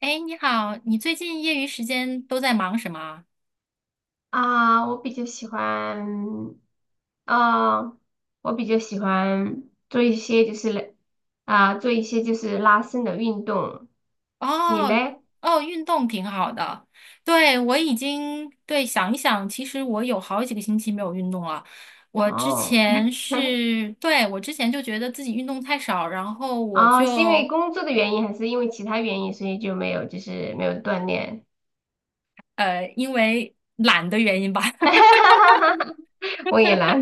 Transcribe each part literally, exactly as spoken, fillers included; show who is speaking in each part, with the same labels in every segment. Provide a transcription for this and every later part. Speaker 1: 哎，你好，你最近业余时间都在忙什么啊？
Speaker 2: 啊，我比较喜欢，啊，我比较喜欢做一些就是来啊，做一些就是拉伸的运动。你
Speaker 1: 哦
Speaker 2: 嘞？
Speaker 1: 哦，运动挺好的。对，我已经，对，想一想，其实我有好几个星期没有运动了。我之
Speaker 2: 哦，
Speaker 1: 前 是，对，我之前就觉得自己运动太少，然后我
Speaker 2: 哦，是因为
Speaker 1: 就
Speaker 2: 工作的原因，还是因为其他原因，所以就没有就是没有锻炼？
Speaker 1: 呃，因为懒的原因吧。
Speaker 2: 我也来。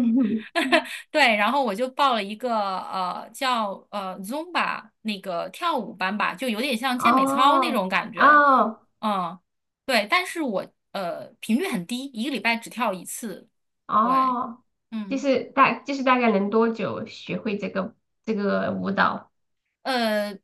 Speaker 1: 对，然后我就报了一个呃叫呃 Zumba 那个跳舞班吧，就有点像健美操那
Speaker 2: 哦，
Speaker 1: 种感觉。
Speaker 2: 哦，
Speaker 1: 嗯，对，但是我呃频率很低，一个礼拜只跳一次。对，
Speaker 2: 哦，就
Speaker 1: 嗯。
Speaker 2: 是大就是大概能多久学会这个这个舞蹈？
Speaker 1: 呃，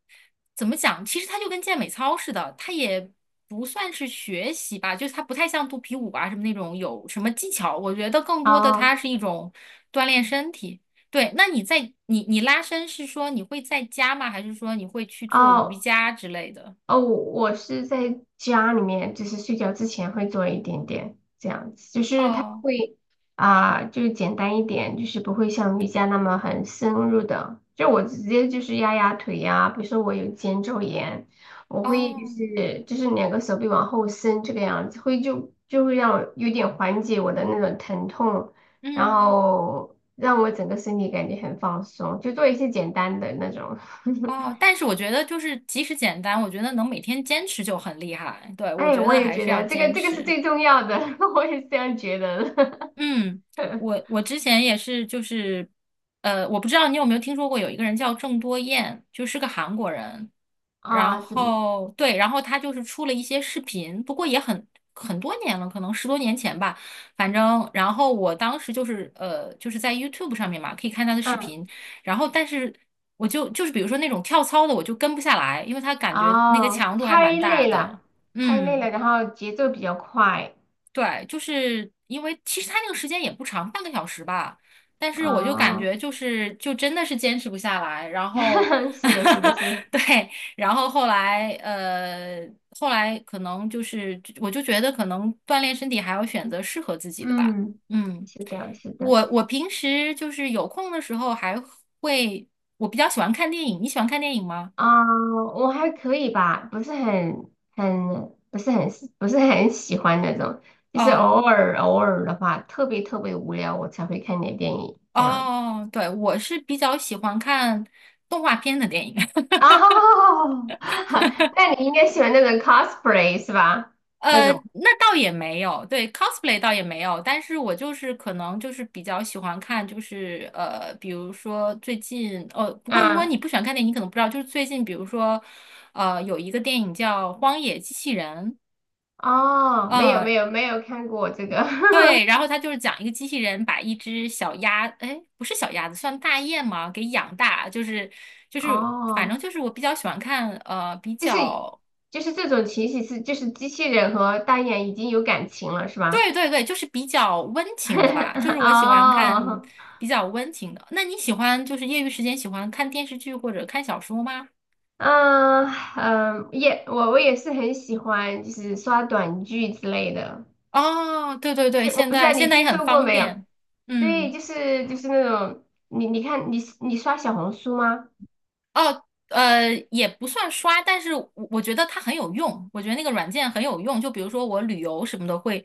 Speaker 1: 怎么讲？其实它就跟健美操似的，它也不算是学习吧，就是它不太像肚皮舞啊什么那种有什么技巧。我觉得更多的它
Speaker 2: 哦
Speaker 1: 是一种锻炼身体。对，那你在你你拉伸是说你会在家吗？还是说你会去做瑜
Speaker 2: 哦，
Speaker 1: 伽之类的？
Speaker 2: 哦，我是在家里面，就是睡觉之前会做一点点这样子，就是它
Speaker 1: 哦
Speaker 2: 会啊、就是简单一点，就是不会像瑜伽那么很深入的。就我直接就是压压腿呀、比如说我有肩周炎，我会就
Speaker 1: 哦，
Speaker 2: 是就是两个手臂往后伸这个样子，会就就会让我有点缓解我的那种疼痛，然
Speaker 1: 嗯
Speaker 2: 后让我整个身体感觉很放松，就做一些简单的那种。
Speaker 1: 哦，但是我觉得就是即使简单，我觉得能每天坚持就很厉害。对，我
Speaker 2: 哎，
Speaker 1: 觉
Speaker 2: 我
Speaker 1: 得
Speaker 2: 也
Speaker 1: 还
Speaker 2: 觉
Speaker 1: 是要
Speaker 2: 得这个
Speaker 1: 坚
Speaker 2: 这个是
Speaker 1: 持。
Speaker 2: 最重要的，我也是这样觉得的。
Speaker 1: 嗯，我我之前也是，就是，呃，我不知道你有没有听说过，有一个人叫郑多燕，就是个韩国人。然
Speaker 2: 啊、怎么？
Speaker 1: 后对，然后他就是出了一些视频，不过也很很多年了，可能十多年前吧。反正，然后我当时就是呃，就是在 YouTube 上面嘛，可以看他的视
Speaker 2: 嗯，
Speaker 1: 频。然后，但是我就就是比如说那种跳操的，我就跟不下来，因为他感觉那个
Speaker 2: 哦，
Speaker 1: 强度还
Speaker 2: 太
Speaker 1: 蛮大
Speaker 2: 累了，
Speaker 1: 的。
Speaker 2: 太累
Speaker 1: 嗯。
Speaker 2: 了，然后节奏比较快。
Speaker 1: 对，就是因为其实他那个时间也不长，半个小时吧，但是我就感
Speaker 2: 哦，
Speaker 1: 觉就是就真的是坚持不下来，然后
Speaker 2: 是的，是的，是的，
Speaker 1: 对，然后后来呃后来可能就是我就觉得可能锻炼身体还要选择适合自己的吧。
Speaker 2: 嗯，
Speaker 1: 嗯，
Speaker 2: 是的，是的。
Speaker 1: 我我平时就是有空的时候还会，我比较喜欢看电影，你喜欢看电影吗？
Speaker 2: 啊、我还可以吧，不是很很不是很不是很喜欢那种，就是偶
Speaker 1: 哦
Speaker 2: 尔偶尔的话，特别特别无聊，我才会看点电影这样。
Speaker 1: 哦，对，我是比较喜欢看动画片的电影。
Speaker 2: 哦，那你应该喜欢那种 cosplay 是吧？那
Speaker 1: 呃，
Speaker 2: 种，
Speaker 1: 那倒也没有，对 cosplay 倒也没有，但是我就是可能就是比较喜欢看，就是呃，比如说最近，呃，不过如果
Speaker 2: 啊，
Speaker 1: 你不喜欢看电影，你可能不知道，就是最近，比如说，呃，有一个电影叫《荒野机器人》。
Speaker 2: 哦，没有没
Speaker 1: 呃，
Speaker 2: 有没有看过这个。
Speaker 1: 对，然后它就是讲一个机器人把一只小鸭，哎，不是小鸭子，算大雁吗？给养大，就是 就是，反正
Speaker 2: 哦，
Speaker 1: 就是我比较喜欢看，呃，比
Speaker 2: 就是
Speaker 1: 较。
Speaker 2: 就是这种情形是就是机器人和单眼已经有感情了是吧？
Speaker 1: 对对对，就是比较温情的吧，就是 我喜欢看
Speaker 2: 哦，
Speaker 1: 比较温情的。那你喜欢就是业余时间喜欢看电视剧或者看小说吗？
Speaker 2: 嗯嗯，也我我也是很喜欢就是刷短剧之类的，
Speaker 1: 哦，对对
Speaker 2: 就
Speaker 1: 对，
Speaker 2: 是我
Speaker 1: 现
Speaker 2: 不知
Speaker 1: 在
Speaker 2: 道你
Speaker 1: 现在
Speaker 2: 听
Speaker 1: 也很
Speaker 2: 说过
Speaker 1: 方
Speaker 2: 没有？
Speaker 1: 便。
Speaker 2: 对，
Speaker 1: 嗯，
Speaker 2: 就是就是那种你你看你你刷小红书吗？
Speaker 1: 呃，也不算刷，但是我我觉得它很有用，我觉得那个软件很有用，就比如说我旅游什么的会，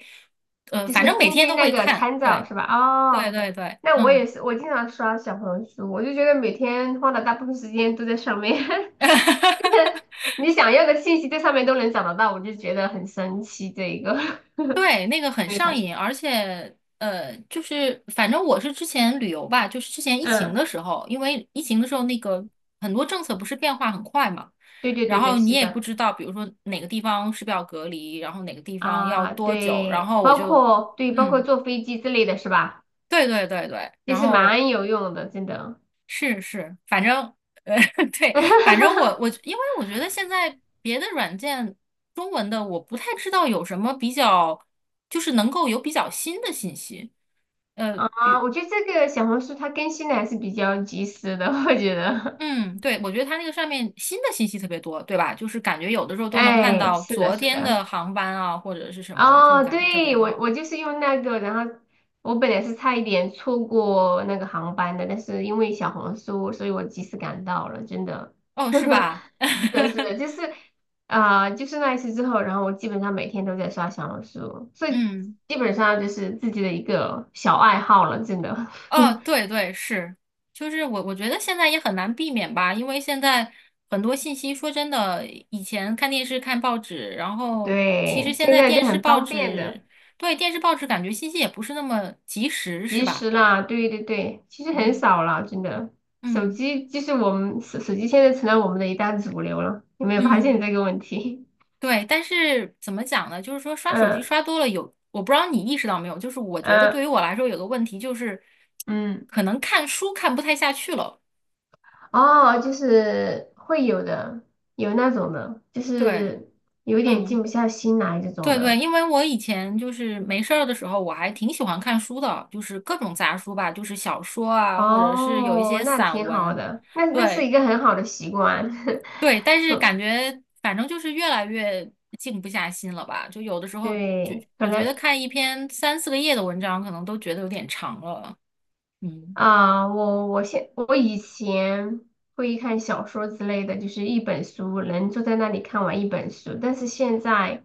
Speaker 1: 呃，
Speaker 2: 就是
Speaker 1: 反正每
Speaker 2: 根
Speaker 1: 天
Speaker 2: 据
Speaker 1: 都
Speaker 2: 那
Speaker 1: 会
Speaker 2: 个
Speaker 1: 看。
Speaker 2: 参照
Speaker 1: 对
Speaker 2: 是吧？
Speaker 1: 对
Speaker 2: 哦，
Speaker 1: 对对，
Speaker 2: 那我也
Speaker 1: 嗯。
Speaker 2: 是，我经常刷小红书，我就觉得每天花的大部分时间都在上面。你想要的信息在上面都能找得到，我就觉得很神奇。这一个
Speaker 1: 对，那个很
Speaker 2: 没发
Speaker 1: 上
Speaker 2: 现。
Speaker 1: 瘾，而且呃，就是反正我是之前旅游吧，就是之前疫情
Speaker 2: 嗯，
Speaker 1: 的时候，因为疫情的时候那个很多政策不是变化很快嘛，
Speaker 2: 对对
Speaker 1: 然
Speaker 2: 对对，
Speaker 1: 后你
Speaker 2: 是
Speaker 1: 也不
Speaker 2: 的。
Speaker 1: 知道，比如说哪个地方是不是要隔离，然后哪个地方要
Speaker 2: 啊，
Speaker 1: 多久，然
Speaker 2: 对，
Speaker 1: 后我
Speaker 2: 包
Speaker 1: 就
Speaker 2: 括对，包括
Speaker 1: 嗯，
Speaker 2: 坐飞机之类的是吧？
Speaker 1: 对对对对，
Speaker 2: 也
Speaker 1: 然
Speaker 2: 是
Speaker 1: 后
Speaker 2: 蛮有用的，真的。
Speaker 1: 是是，反正呃 对，反正我我 因为我觉得现在别的软件中文的我不太知道有什么比较，就是能够有比较新的信息。呃，
Speaker 2: 啊，
Speaker 1: 比
Speaker 2: 我觉得这个小红书它更新的还是比较及时的，我觉得。
Speaker 1: 嗯，对，我觉得它那个上面新的信息特别多，对吧？就是感觉有的时候 都能看
Speaker 2: 哎，
Speaker 1: 到
Speaker 2: 是的，
Speaker 1: 昨
Speaker 2: 是
Speaker 1: 天的
Speaker 2: 的。
Speaker 1: 航班啊，或者是什么，就
Speaker 2: 哦，
Speaker 1: 感觉特别
Speaker 2: 对，我
Speaker 1: 好。
Speaker 2: 我就是用那个，然后我本来是差一点错过那个航班的，但是因为小红书，所以我及时赶到了，真的。
Speaker 1: 哦，是吧？
Speaker 2: 是的，是 的，就是啊、就是那一次之后，然后我基本上每天都在刷小红书，所以
Speaker 1: 嗯，
Speaker 2: 基本上就是自己的一个小爱好了，真的。
Speaker 1: 哦，对对是，就是我我觉得现在也很难避免吧，因为现在很多信息，说真的，以前看电视、看报纸，然 后其实
Speaker 2: 对，
Speaker 1: 现
Speaker 2: 现
Speaker 1: 在
Speaker 2: 在就
Speaker 1: 电视、
Speaker 2: 很
Speaker 1: 报
Speaker 2: 方便的。
Speaker 1: 纸，对，电视、报纸感觉信息也不是那么及时，是
Speaker 2: 及
Speaker 1: 吧？
Speaker 2: 时啦，对对对，其实很
Speaker 1: 嗯
Speaker 2: 少啦，真的。手
Speaker 1: 嗯
Speaker 2: 机就是我们手手机现在成了我们的一大主流了，有没有发现
Speaker 1: 嗯。
Speaker 2: 这个问题？
Speaker 1: 对，但是怎么讲呢？就是说 刷手机
Speaker 2: 嗯
Speaker 1: 刷多了有，我不知道你意识到没有，就是我觉得
Speaker 2: 嗯
Speaker 1: 对于我来说有个问题就是，
Speaker 2: 嗯，
Speaker 1: 可能看书看不太下去了。
Speaker 2: 哦，就是会有的，有那种的，就
Speaker 1: 对，
Speaker 2: 是有点静
Speaker 1: 嗯，
Speaker 2: 不下心来这种
Speaker 1: 对对，
Speaker 2: 的。
Speaker 1: 因为我以前就是没事儿的时候，我还挺喜欢看书的，就是各种杂书吧，就是小说啊，或者是有一
Speaker 2: 哦，
Speaker 1: 些
Speaker 2: 那
Speaker 1: 散
Speaker 2: 挺好
Speaker 1: 文。
Speaker 2: 的，那那是
Speaker 1: 对
Speaker 2: 一个很好的习惯。
Speaker 1: 对，但是感觉反正就是越来越静不下心了吧，就有的时 候就
Speaker 2: 对，可
Speaker 1: 我觉得
Speaker 2: 能。
Speaker 1: 看一篇三四个页的文章，可能都觉得有点长了。嗯
Speaker 2: 啊，我我现我以前会看小说之类的，就是一本书能坐在那里看完一本书，但是现在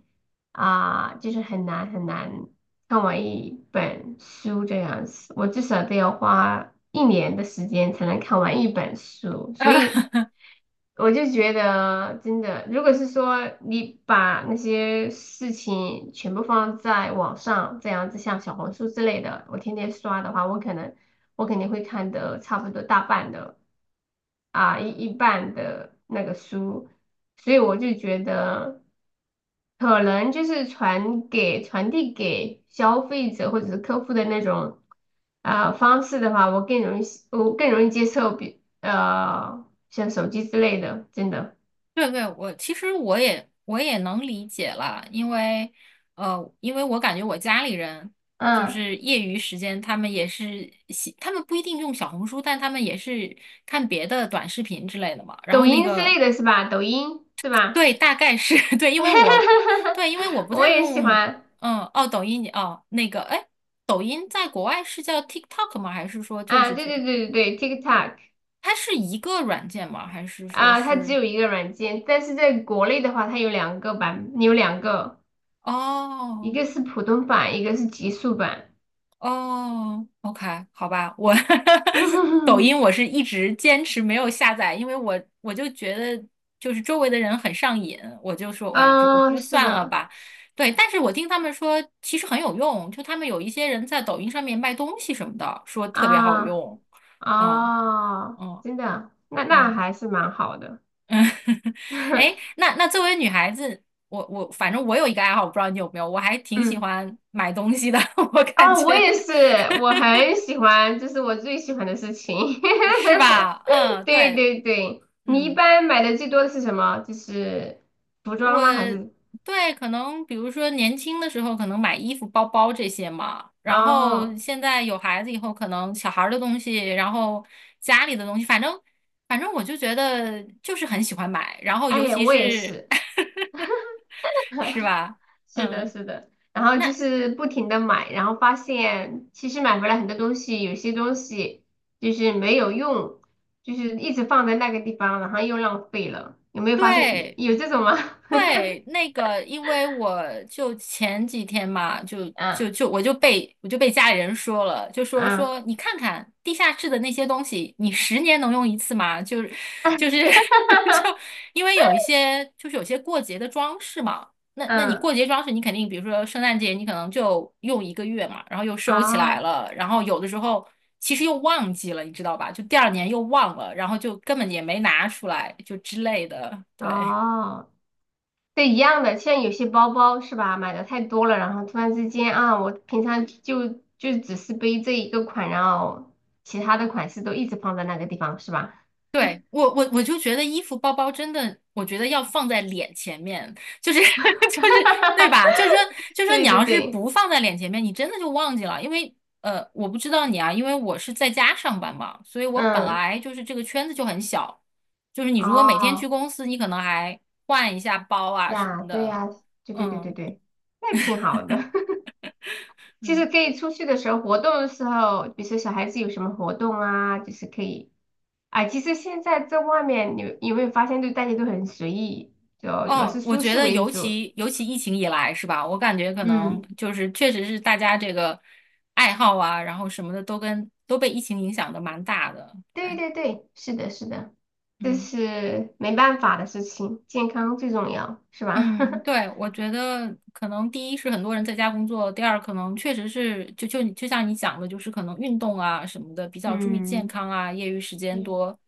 Speaker 2: 啊，就是很难很难看完一本书这样子，我至少都要花一年的时间才能看完一本书，所以。
Speaker 1: 啊，
Speaker 2: 我就觉得真的，如果是说你把那些事情全部放在网上，这样子像小红书之类的，我天天刷的话，我可能我肯定会看的差不多大半的。啊一一半的那个书，所以我就觉得可能就是传给传递给消费者或者是客户的那种啊、方式的话，我更容易我更容易接受比呃像手机之类的，真的。
Speaker 1: 对对，我其实我也我也能理解了，因为呃，因为我感觉我家里人就
Speaker 2: 嗯，
Speaker 1: 是业余时间，他们也是喜，他们不一定用小红书，但他们也是看别的短视频之类的嘛。然
Speaker 2: 抖
Speaker 1: 后那
Speaker 2: 音之
Speaker 1: 个
Speaker 2: 类的是吧？抖音是吧？
Speaker 1: 对，大概是 对，因为我 对，因为我不
Speaker 2: 我
Speaker 1: 太
Speaker 2: 也喜
Speaker 1: 用。
Speaker 2: 欢。
Speaker 1: 嗯，哦，抖音哦，那个哎，抖音在国外是叫 TikTok 吗？还是说就
Speaker 2: 啊，
Speaker 1: 是
Speaker 2: 对
Speaker 1: 这？
Speaker 2: 对对对对，TikTok。
Speaker 1: 它是一个软件吗？还是说
Speaker 2: 啊，它只
Speaker 1: 是？
Speaker 2: 有一个软件，但是在国内的话，它有两个版，有两个，一
Speaker 1: 哦
Speaker 2: 个是普通版，一个是极速版。
Speaker 1: 哦，OK,好吧，我 抖 音我是一直坚持没有下载，因为我我就觉得就是周围的人很上瘾，我就说，哎呀，我说我
Speaker 2: 啊，
Speaker 1: 说
Speaker 2: 是
Speaker 1: 算了
Speaker 2: 的，
Speaker 1: 吧。对，但是我听他们说其实很有用，就他们有一些人在抖音上面卖东西什么的，说特别好
Speaker 2: 啊
Speaker 1: 用。哦，
Speaker 2: 啊，
Speaker 1: 哦，
Speaker 2: 真的，那那
Speaker 1: 嗯
Speaker 2: 还是蛮好的。
Speaker 1: 嗯。哎 那那作为女孩子，我我反正我有一个爱好，我不知道你有没有，我还挺喜
Speaker 2: 嗯，
Speaker 1: 欢买东西的，我感
Speaker 2: 啊，我
Speaker 1: 觉。
Speaker 2: 也是，我很喜欢，这是我最喜欢的事情。
Speaker 1: 是吧？嗯，
Speaker 2: 对
Speaker 1: 对，
Speaker 2: 对对，你一
Speaker 1: 嗯，
Speaker 2: 般买的最多的是什么？就是服装
Speaker 1: 我
Speaker 2: 吗？还是？
Speaker 1: 对可能比如说年轻的时候可能买衣服、包包这些嘛，然后
Speaker 2: 哦，
Speaker 1: 现在有孩子以后，可能小孩儿的东西，然后家里的东西，反正反正我就觉得就是很喜欢买，然后尤
Speaker 2: 哎，
Speaker 1: 其
Speaker 2: 我也
Speaker 1: 是
Speaker 2: 是。
Speaker 1: 是吧？
Speaker 2: 是的，
Speaker 1: 嗯，
Speaker 2: 是的，然后就
Speaker 1: 那
Speaker 2: 是不停的买，然后发现其实买回来很多东西，有些东西就是没有用，就是一直放在那个地方，然后又浪费了。有没有发现你
Speaker 1: 对。
Speaker 2: 有这种吗？
Speaker 1: 对，那个，因为我就前几天嘛，就就
Speaker 2: 嗯
Speaker 1: 就我就被我就被家里人说了，就说
Speaker 2: 嗯
Speaker 1: 说你看看地下室的那些东西，你十年能用一次吗？就是就是 就因为有一些就是有些过节的装饰嘛，那那你
Speaker 2: 嗯，
Speaker 1: 过节装饰你肯定，比如说圣诞节你可能就用一个月嘛，然后又收起来
Speaker 2: 啊
Speaker 1: 了，然后有的时候其实又忘记了，你知道吧？就第二年又忘了，然后就根本也没拿出来，就之类的，对。
Speaker 2: 啊，对，一样的。像有些包包是吧，买的太多了，然后突然之间啊，我平常就就只是背这一个款，然后其他的款式都一直放在那个地方是吧？
Speaker 1: 对，我我我就觉得衣服包包真的，我觉得要放在脸前面，就是 就是对吧？就是说就 是说你
Speaker 2: 对对
Speaker 1: 要是
Speaker 2: 对，
Speaker 1: 不放在脸前面，你真的就忘记了，因为呃，我不知道你啊，因为我是在家上班嘛，所以我本
Speaker 2: 嗯，
Speaker 1: 来就是这个圈子就很小，就是你如果每天去
Speaker 2: 哦，
Speaker 1: 公司，你可能还换一下包啊什
Speaker 2: 呀，
Speaker 1: 么
Speaker 2: 对
Speaker 1: 的，
Speaker 2: 呀，对对对对
Speaker 1: 嗯
Speaker 2: 对，那挺好的。其实
Speaker 1: 嗯。
Speaker 2: 可以出去的时候，活动的时候，比如说小孩子有什么活动啊，就是可以。啊。其实现在在外面，你有没有发现，就大家都很随意，就主要
Speaker 1: 哦，
Speaker 2: 是
Speaker 1: 我
Speaker 2: 舒
Speaker 1: 觉
Speaker 2: 适
Speaker 1: 得
Speaker 2: 为
Speaker 1: 尤
Speaker 2: 主。
Speaker 1: 其尤其疫情以来是吧？我感觉可能
Speaker 2: 嗯，
Speaker 1: 就是确实是大家这个爱好啊，然后什么的都跟都被疫情影响的蛮大的。
Speaker 2: 对
Speaker 1: 对，
Speaker 2: 对对，是的，是的。这
Speaker 1: 嗯
Speaker 2: 是没办法的事情，健康最重要，是吧？
Speaker 1: 嗯，对，我觉得可能第一是很多人在家工作，第二可能确实是就就就像你讲的，就是可能运动啊什么的比 较注意健
Speaker 2: 嗯，
Speaker 1: 康啊，业余时间
Speaker 2: 对
Speaker 1: 多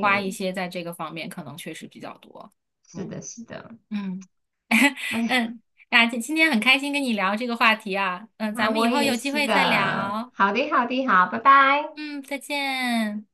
Speaker 1: 花一些在这个方面，可能确实比较多。
Speaker 2: 是
Speaker 1: 嗯
Speaker 2: 的，是的。
Speaker 1: 嗯。
Speaker 2: 哎，
Speaker 1: 嗯，啊，今今天很开心跟你聊这个话题啊，嗯，咱
Speaker 2: 那
Speaker 1: 们以
Speaker 2: 我
Speaker 1: 后
Speaker 2: 也
Speaker 1: 有机
Speaker 2: 是
Speaker 1: 会再
Speaker 2: 的。
Speaker 1: 聊，
Speaker 2: 好的，好的，好，拜拜。
Speaker 1: 嗯，再见。